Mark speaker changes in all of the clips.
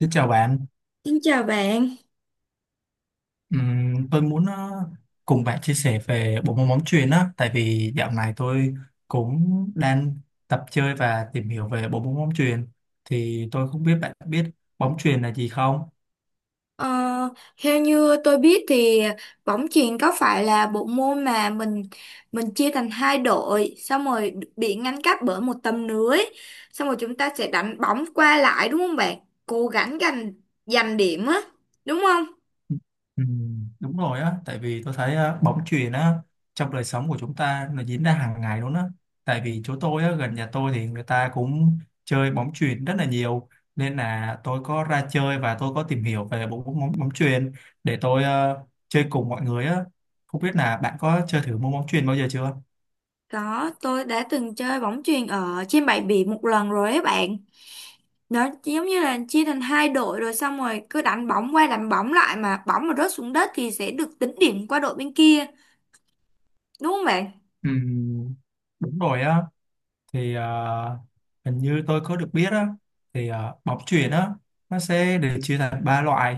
Speaker 1: Xin chào bạn.
Speaker 2: Xin chào bạn.
Speaker 1: Tôi muốn cùng bạn chia sẻ về bộ môn bóng chuyền á, tại vì dạo này tôi cũng đang tập chơi và tìm hiểu về bộ môn bóng chuyền, thì tôi không biết bạn biết bóng chuyền là gì không?
Speaker 2: Ờ, Theo như tôi biết thì bóng chuyền có phải là bộ môn mà mình chia thành hai đội, xong rồi bị ngăn cách bởi một tấm lưới, xong rồi chúng ta sẽ đánh bóng qua lại đúng không bạn? Cố gắng giành giành điểm á, đúng không?
Speaker 1: Ừ, đúng rồi á, tại vì tôi thấy á, bóng chuyền á trong đời sống của chúng ta nó diễn ra hàng ngày luôn á. Tại vì chỗ tôi á, gần nhà tôi thì người ta cũng chơi bóng chuyền rất là nhiều, nên là tôi có ra chơi và tôi có tìm hiểu về bộ môn bóng bóng chuyền để tôi chơi cùng mọi người á. Không biết là bạn có chơi thử môn bóng chuyền bao giờ chưa?
Speaker 2: Có, tôi đã từng chơi bóng chuyền ở trên bãi biển một lần rồi ấy bạn. Nó giống như là chia thành hai đội rồi xong rồi cứ đánh bóng qua đánh bóng lại, mà bóng mà rớt xuống đất thì sẽ được tính điểm qua đội bên kia, đúng không bạn?
Speaker 1: Ừ, đúng rồi á, thì hình như tôi có được biết á, thì bóng chuyền á, nó sẽ được chia thành ba loại,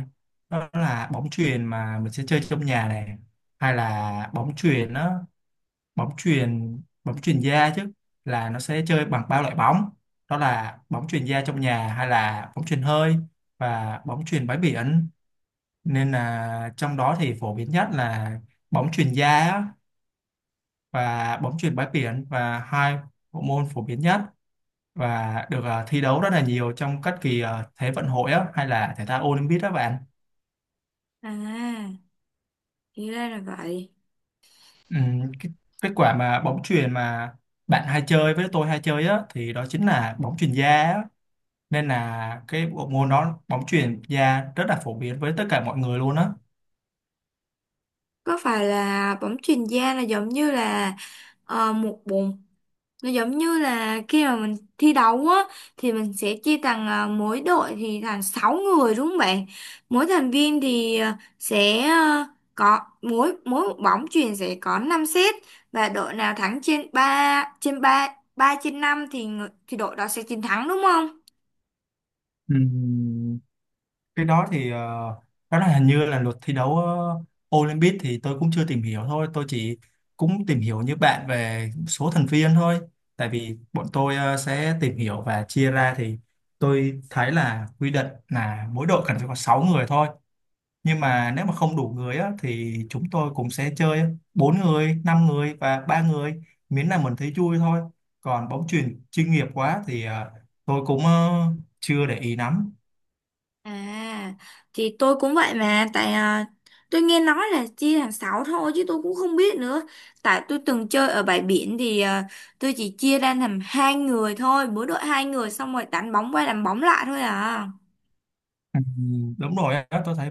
Speaker 1: đó là bóng chuyền mà mình sẽ chơi trong nhà này, hay là bóng chuyền á bóng chuyền da chứ, là nó sẽ chơi bằng ba loại bóng, đó là bóng chuyền da trong nhà, hay là bóng chuyền hơi, và bóng chuyền bãi biển, nên là trong đó thì phổ biến nhất là bóng chuyền da á, và bóng chuyền bãi biển, và hai bộ môn phổ biến nhất và được thi đấu rất là nhiều trong các kỳ Thế vận hội á, hay là thể thao Olympic đó bạn.
Speaker 2: À, thì ra là vậy.
Speaker 1: Ừm, cái, Kết quả mà bóng chuyền mà bạn hay chơi, với tôi hay chơi á, thì đó chính là bóng chuyền da á. Nên là cái bộ môn đó, bóng chuyền da rất là phổ biến với tất cả mọi người luôn á.
Speaker 2: Có phải là bóng chuyền da là giống như là một bụng, nó giống như là khi mà mình thi đấu á thì mình sẽ chia thành mỗi đội thì thành 6 người đúng không bạn? Mỗi thành viên thì sẽ có mỗi mỗi một bóng chuyền sẽ có 5 set, và đội nào thắng trên 3 3 trên 5 thì thì đội đó sẽ chiến thắng đúng không?
Speaker 1: Ừ. Cái đó thì đó là hình như là luật thi đấu Olympic, thì tôi cũng chưa tìm hiểu, thôi tôi chỉ cũng tìm hiểu như bạn về số thành viên thôi, tại vì bọn tôi sẽ tìm hiểu và chia ra, thì tôi thấy là quy định là mỗi đội cần phải có 6 người thôi, nhưng mà nếu mà không đủ người á, thì chúng tôi cũng sẽ chơi bốn người, 5 người và ba người, miễn là mình thấy vui thôi, còn bóng chuyền chuyên nghiệp quá thì tôi cũng chưa để ý lắm.
Speaker 2: À, thì tôi cũng vậy mà, tôi nghe nói là chia thành 6 thôi chứ tôi cũng không biết nữa. Tại tôi từng chơi ở bãi biển thì tôi chỉ chia ra làm hai người thôi, mỗi đội hai người xong rồi đánh bóng qua đánh bóng lại thôi à.
Speaker 1: Ừ, đúng rồi á, tôi thấy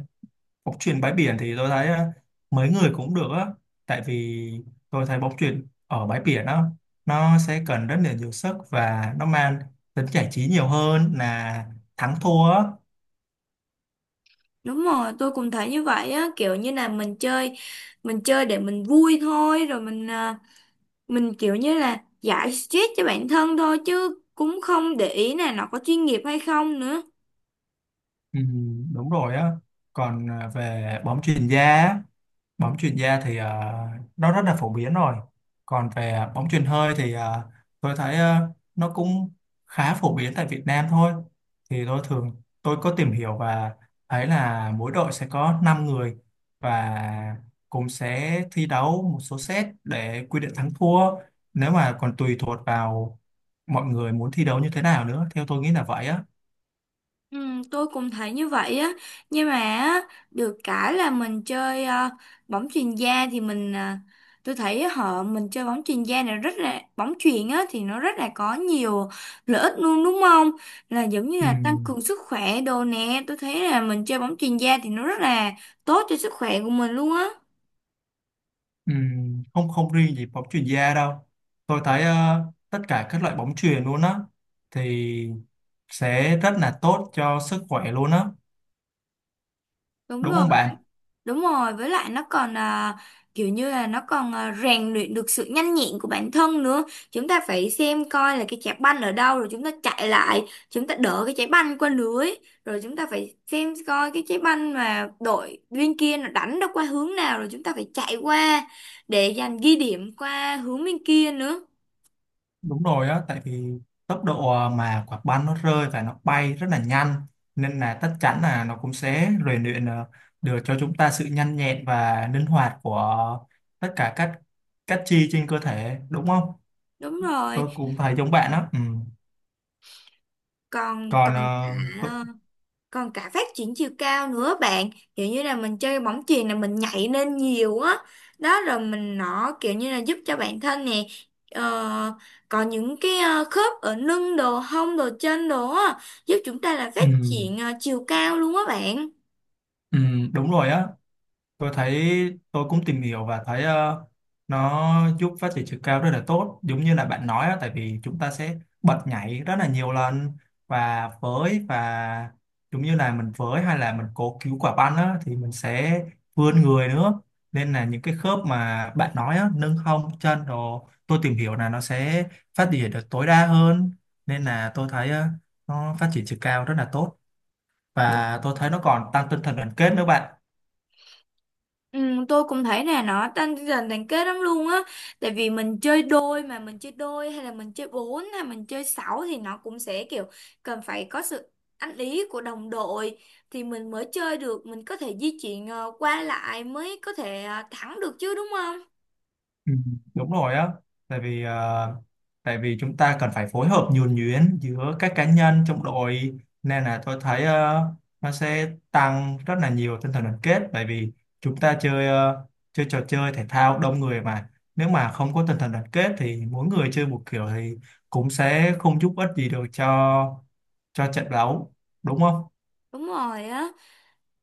Speaker 1: bóng chuyền bãi biển thì tôi thấy á, mấy người cũng được á, tại vì tôi thấy bóng chuyền ở bãi biển á, nó sẽ cần rất là nhiều sức và nó mang tính giải trí nhiều hơn là thắng thua á.
Speaker 2: Đúng rồi, tôi cũng thấy như vậy á, kiểu như là mình chơi để mình vui thôi rồi mình kiểu như là giải stress cho bản thân thôi chứ cũng không để ý là nó có chuyên nghiệp hay không nữa.
Speaker 1: Ừ, đúng rồi á, còn về bóng chuyền da á, bóng chuyền da thì nó rất là phổ biến rồi, còn về bóng chuyền hơi thì tôi thấy nó cũng khá phổ biến tại Việt Nam thôi, thì tôi thường, tôi có tìm hiểu và thấy là mỗi đội sẽ có 5 người, và cũng sẽ thi đấu một số set để quy định thắng thua, nếu mà còn tùy thuộc vào mọi người muốn thi đấu như thế nào nữa, theo tôi nghĩ là vậy á.
Speaker 2: Ừ, tôi cũng thấy như vậy á, nhưng mà á, được cái là mình chơi bóng chuyền da thì tôi thấy họ mình chơi bóng chuyền da này rất là bóng chuyền á, thì nó rất là có nhiều lợi ích luôn đúng không, là giống như
Speaker 1: Ừ.
Speaker 2: là tăng cường sức khỏe đồ nè, tôi thấy là mình chơi bóng chuyền da thì nó rất là tốt cho sức khỏe của mình luôn á.
Speaker 1: Không không riêng gì bóng chuyền da đâu, tôi thấy tất cả các loại bóng chuyền luôn á, thì sẽ rất là tốt cho sức khỏe luôn á,
Speaker 2: Đúng
Speaker 1: đúng
Speaker 2: rồi.
Speaker 1: không bạn?
Speaker 2: Đúng rồi, với lại nó còn kiểu như là nó còn rèn luyện được sự nhanh nhẹn của bản thân nữa. Chúng ta phải xem coi là cái trái banh ở đâu rồi chúng ta chạy lại, chúng ta đỡ cái trái banh qua lưới, rồi chúng ta phải xem coi cái trái banh mà đội bên kia nó đánh nó qua hướng nào rồi chúng ta phải chạy qua để giành ghi điểm qua hướng bên kia nữa.
Speaker 1: Đúng rồi á, tại vì tốc độ mà quả banh nó rơi và nó bay rất là nhanh, nên là chắc chắn là nó cũng sẽ rèn luyện được cho chúng ta sự nhanh nhẹn và linh hoạt của tất cả các chi trên cơ thể, đúng không?
Speaker 2: Đúng rồi,
Speaker 1: Tôi cũng thấy giống bạn á. Ừm,
Speaker 2: còn
Speaker 1: còn
Speaker 2: cả
Speaker 1: tôi-
Speaker 2: còn cả phát triển chiều cao nữa bạn, kiểu như là mình chơi bóng chuyền là mình nhảy lên nhiều á, đó rồi mình nó kiểu như là giúp cho bản thân nè, ờ, có những cái khớp ở lưng đồ hông đồ chân đồ á, giúp chúng ta là
Speaker 1: Ừ,
Speaker 2: phát triển chiều cao luôn á bạn.
Speaker 1: ừ, đúng rồi á. Tôi thấy, tôi cũng tìm hiểu và thấy nó giúp phát triển chiều cao rất là tốt giống như là bạn nói á, tại vì chúng ta sẽ bật nhảy rất là nhiều lần, và với, và giống như là mình với, hay là mình cố cứu quả banh á, thì mình sẽ vươn người nữa, nên là những cái khớp mà bạn nói á, nâng hông chân rồi, tôi tìm hiểu là nó sẽ phát triển được tối đa hơn, nên là tôi thấy nó phát triển chiều cao rất là tốt, và tôi thấy nó còn tăng tinh thần đoàn kết nữa bạn.
Speaker 2: Ừ, tôi cũng thấy nè, nó tăng dần thành kết lắm luôn á, tại vì mình chơi đôi hay là mình chơi bốn hay mình chơi sáu thì nó cũng sẽ kiểu cần phải có sự ăn ý của đồng đội thì mình mới chơi được, mình có thể di chuyển qua lại mới có thể thắng được chứ đúng không.
Speaker 1: Ừ, đúng rồi á, tại vì chúng ta cần phải phối hợp nhuần nhuyễn giữa các cá nhân trong đội, nên là tôi thấy nó sẽ tăng rất là nhiều tinh thần đoàn kết, tại vì chúng ta chơi chơi trò chơi thể thao đông người, mà nếu mà không có tinh thần đoàn kết thì mỗi người chơi một kiểu, thì cũng sẽ không giúp ích gì được cho trận đấu, đúng không?
Speaker 2: Đúng rồi á,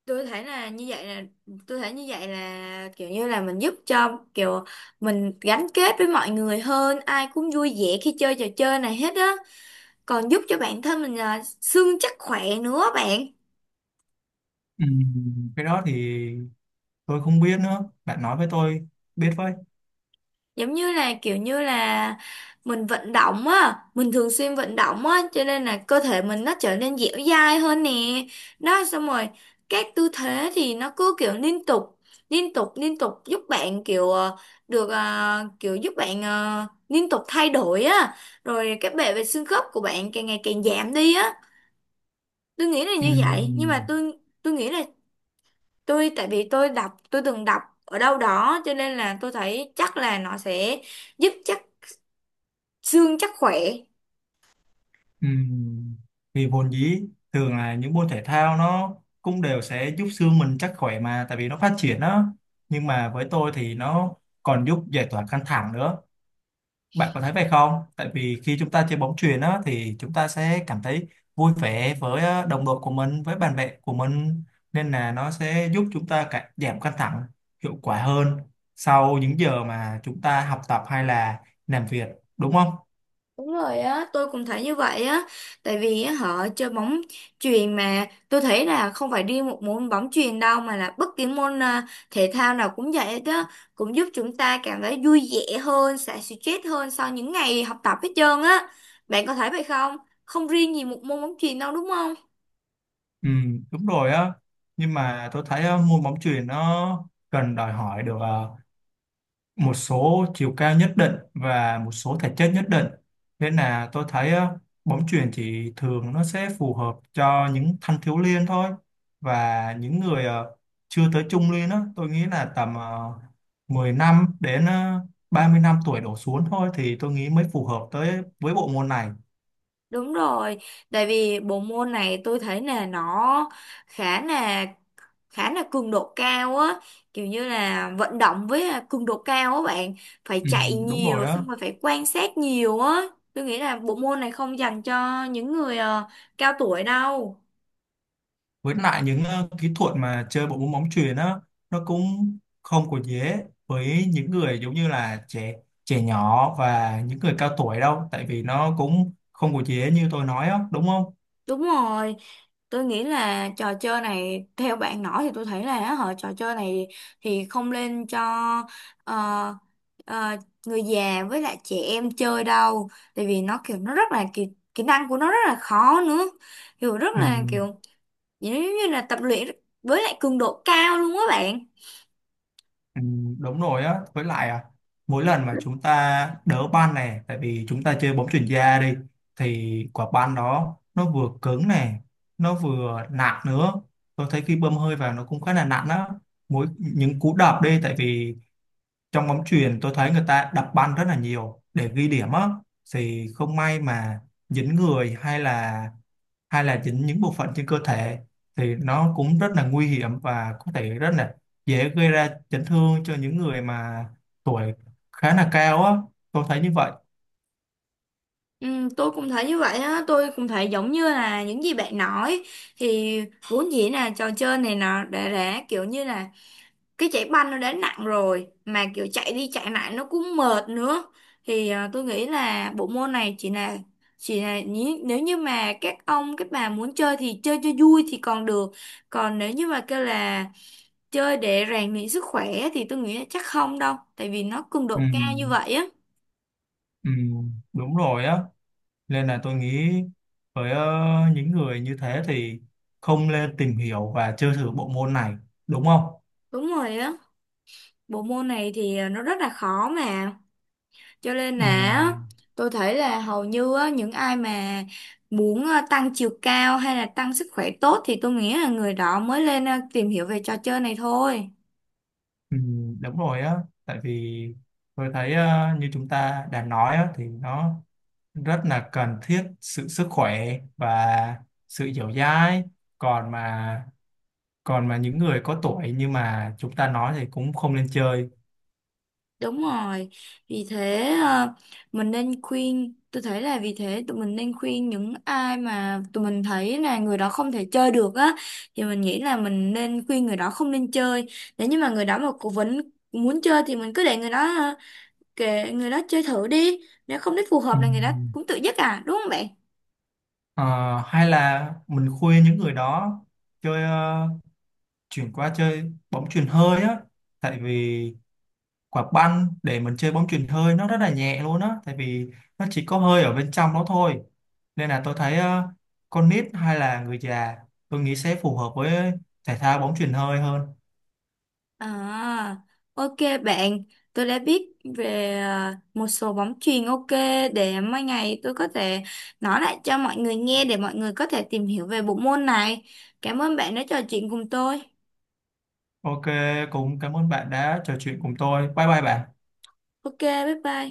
Speaker 2: tôi thấy là như vậy là tôi thấy như vậy là kiểu như là mình giúp cho kiểu mình gắn kết với mọi người hơn, ai cũng vui vẻ khi chơi trò chơi này hết á, còn giúp cho bản thân mình là xương chắc khỏe nữa bạn.
Speaker 1: Ừ. Cái đó thì tôi không biết nữa, bạn nói với tôi biết với.
Speaker 2: Giống như là kiểu như là mình vận động á, mình thường xuyên vận động á cho nên là cơ thể mình nó trở nên dẻo dai hơn nè, đó xong rồi các tư thế thì nó cứ kiểu liên tục giúp bạn kiểu được kiểu giúp bạn liên tục thay đổi á, rồi cái bệ về xương khớp của bạn càng ngày càng giảm đi á. Tôi nghĩ là
Speaker 1: Ừ.
Speaker 2: như vậy, nhưng mà tôi nghĩ là tôi tại vì tôi từng đọc ở đâu đó cho nên là tôi thấy chắc là nó sẽ giúp chắc xương chắc khỏe.
Speaker 1: Ừm, Vì vốn dĩ thường là những môn thể thao, nó cũng đều sẽ giúp xương mình chắc khỏe mà, tại vì nó phát triển đó, nhưng mà với tôi thì nó còn giúp giải tỏa căng thẳng nữa, bạn có thấy vậy không? Tại vì khi chúng ta chơi bóng chuyền đó, thì chúng ta sẽ cảm thấy vui vẻ với đồng đội của mình, với bạn bè của mình, nên là nó sẽ giúp chúng ta giảm căng thẳng hiệu quả hơn sau những giờ mà chúng ta học tập hay là làm việc, đúng không?
Speaker 2: Đúng rồi á, tôi cũng thấy như vậy á, tại vì á, họ chơi bóng chuyền mà tôi thấy là không phải riêng một môn bóng chuyền đâu, mà là bất kỳ môn thể thao nào cũng vậy hết á, cũng giúp chúng ta cảm thấy vui vẻ hơn, xả stress hơn sau những ngày học tập hết trơn á. Bạn có thấy vậy không, không riêng gì một môn bóng chuyền đâu đúng không?
Speaker 1: Ừ, đúng rồi á, nhưng mà tôi thấy á, môn bóng chuyền nó cần đòi hỏi được một số chiều cao nhất định và một số thể chất nhất định, nên là tôi thấy á, bóng chuyền chỉ thường nó sẽ phù hợp cho những thanh thiếu niên thôi, và những người chưa tới trung niên á, tôi nghĩ là tầm 10 năm đến 30 năm tuổi đổ xuống thôi, thì tôi nghĩ mới phù hợp tới với bộ môn này.
Speaker 2: Đúng rồi, tại vì bộ môn này tôi thấy là nó khá là khá là cường độ cao á, kiểu như là vận động với là cường độ cao á bạn, phải
Speaker 1: Ừ,
Speaker 2: chạy
Speaker 1: đúng rồi
Speaker 2: nhiều
Speaker 1: á,
Speaker 2: xong rồi phải quan sát nhiều á. Tôi nghĩ là bộ môn này không dành cho những người cao tuổi đâu.
Speaker 1: với lại những kỹ thuật mà chơi bộ môn bóng chuyền á, nó cũng không có dễ với những người giống như là trẻ trẻ nhỏ và những người cao tuổi đâu, tại vì nó cũng không có dễ như tôi nói á, đúng không?
Speaker 2: Đúng rồi, tôi nghĩ là trò chơi này theo bạn nói thì tôi thấy là á, trò chơi này thì không nên cho ờ, ờ, người già với lại trẻ em chơi đâu, tại vì nó kiểu nó rất là kỹ, kỹ năng của nó rất là khó nữa, kiểu rất
Speaker 1: Ừ,
Speaker 2: là kiểu giống như là tập luyện với lại cường độ cao luôn á bạn.
Speaker 1: ừ, đúng rồi á, với lại mỗi lần mà chúng ta đỡ banh này, tại vì chúng ta chơi bóng chuyền da đi, thì quả banh đó nó vừa cứng này, nó vừa nặng nữa, tôi thấy khi bơm hơi vào nó cũng khá là nặng á, mỗi những cú đập đi, tại vì trong bóng chuyền tôi thấy người ta đập banh rất là nhiều để ghi điểm á, thì không may mà dính người, hay là dính những bộ phận trên cơ thể, thì nó cũng rất là nguy hiểm và có thể rất là dễ gây ra chấn thương cho những người mà tuổi khá là cao á, tôi thấy như vậy.
Speaker 2: Ừ, tôi cũng thấy như vậy á, tôi cũng thấy giống như là những gì bạn nói thì vốn dĩ là trò chơi này nó đã kiểu như là cái chạy banh nó đã nặng rồi mà kiểu chạy đi chạy lại nó cũng mệt nữa, thì tôi nghĩ là bộ môn này nếu như mà các ông các bà muốn chơi thì chơi cho vui thì còn được, còn nếu như mà kêu là chơi để rèn luyện sức khỏe thì tôi nghĩ là chắc không đâu, tại vì nó cường
Speaker 1: Ừ,
Speaker 2: độ cao như vậy á.
Speaker 1: ừ, đúng rồi á, nên là tôi nghĩ với những người như thế thì không nên tìm hiểu và chơi thử bộ môn này, đúng không?
Speaker 2: Đúng rồi á, bộ môn này thì nó rất là khó mà. Cho nên là
Speaker 1: Ừ.
Speaker 2: á, tôi thấy là hầu như á, những ai mà muốn tăng chiều cao hay là tăng sức khỏe tốt thì tôi nghĩ là người đó mới lên tìm hiểu về trò chơi này thôi.
Speaker 1: Ừ, đúng rồi á, tại vì tôi thấy như chúng ta đã nói á, thì nó rất là cần thiết sự sức khỏe và sự dẻo dai, còn mà còn mà những người có tuổi nhưng mà chúng ta nói thì cũng không nên chơi.
Speaker 2: Đúng rồi. Vì thế tôi thấy là vì thế tụi mình nên khuyên những ai mà tụi mình thấy là người đó không thể chơi được á, thì mình nghĩ là mình nên khuyên người đó không nên chơi. Nếu như mà người đó mà cố vấn muốn chơi thì mình cứ để người đó, kệ người đó chơi thử đi, nếu không thấy phù
Speaker 1: Ừ.
Speaker 2: hợp là người đó cũng tự dứt à đúng không bạn?
Speaker 1: Ờ, hay là mình khuyên những người đó chơi chuyển qua chơi bóng chuyền hơi á, tại vì quả banh để mình chơi bóng chuyền hơi nó rất là nhẹ luôn á, tại vì nó chỉ có hơi ở bên trong đó thôi, nên là tôi thấy con nít hay là người già, tôi nghĩ sẽ phù hợp với thể thao bóng chuyền hơi hơn.
Speaker 2: À, ok bạn, tôi đã biết về một số bóng chuyền. Ok, để mai ngày tôi có thể nói lại cho mọi người nghe để mọi người có thể tìm hiểu về bộ môn này. Cảm ơn bạn đã trò chuyện cùng tôi.
Speaker 1: OK, cũng cảm ơn bạn đã trò chuyện cùng tôi, bye bye bạn.
Speaker 2: Ok, bye bye.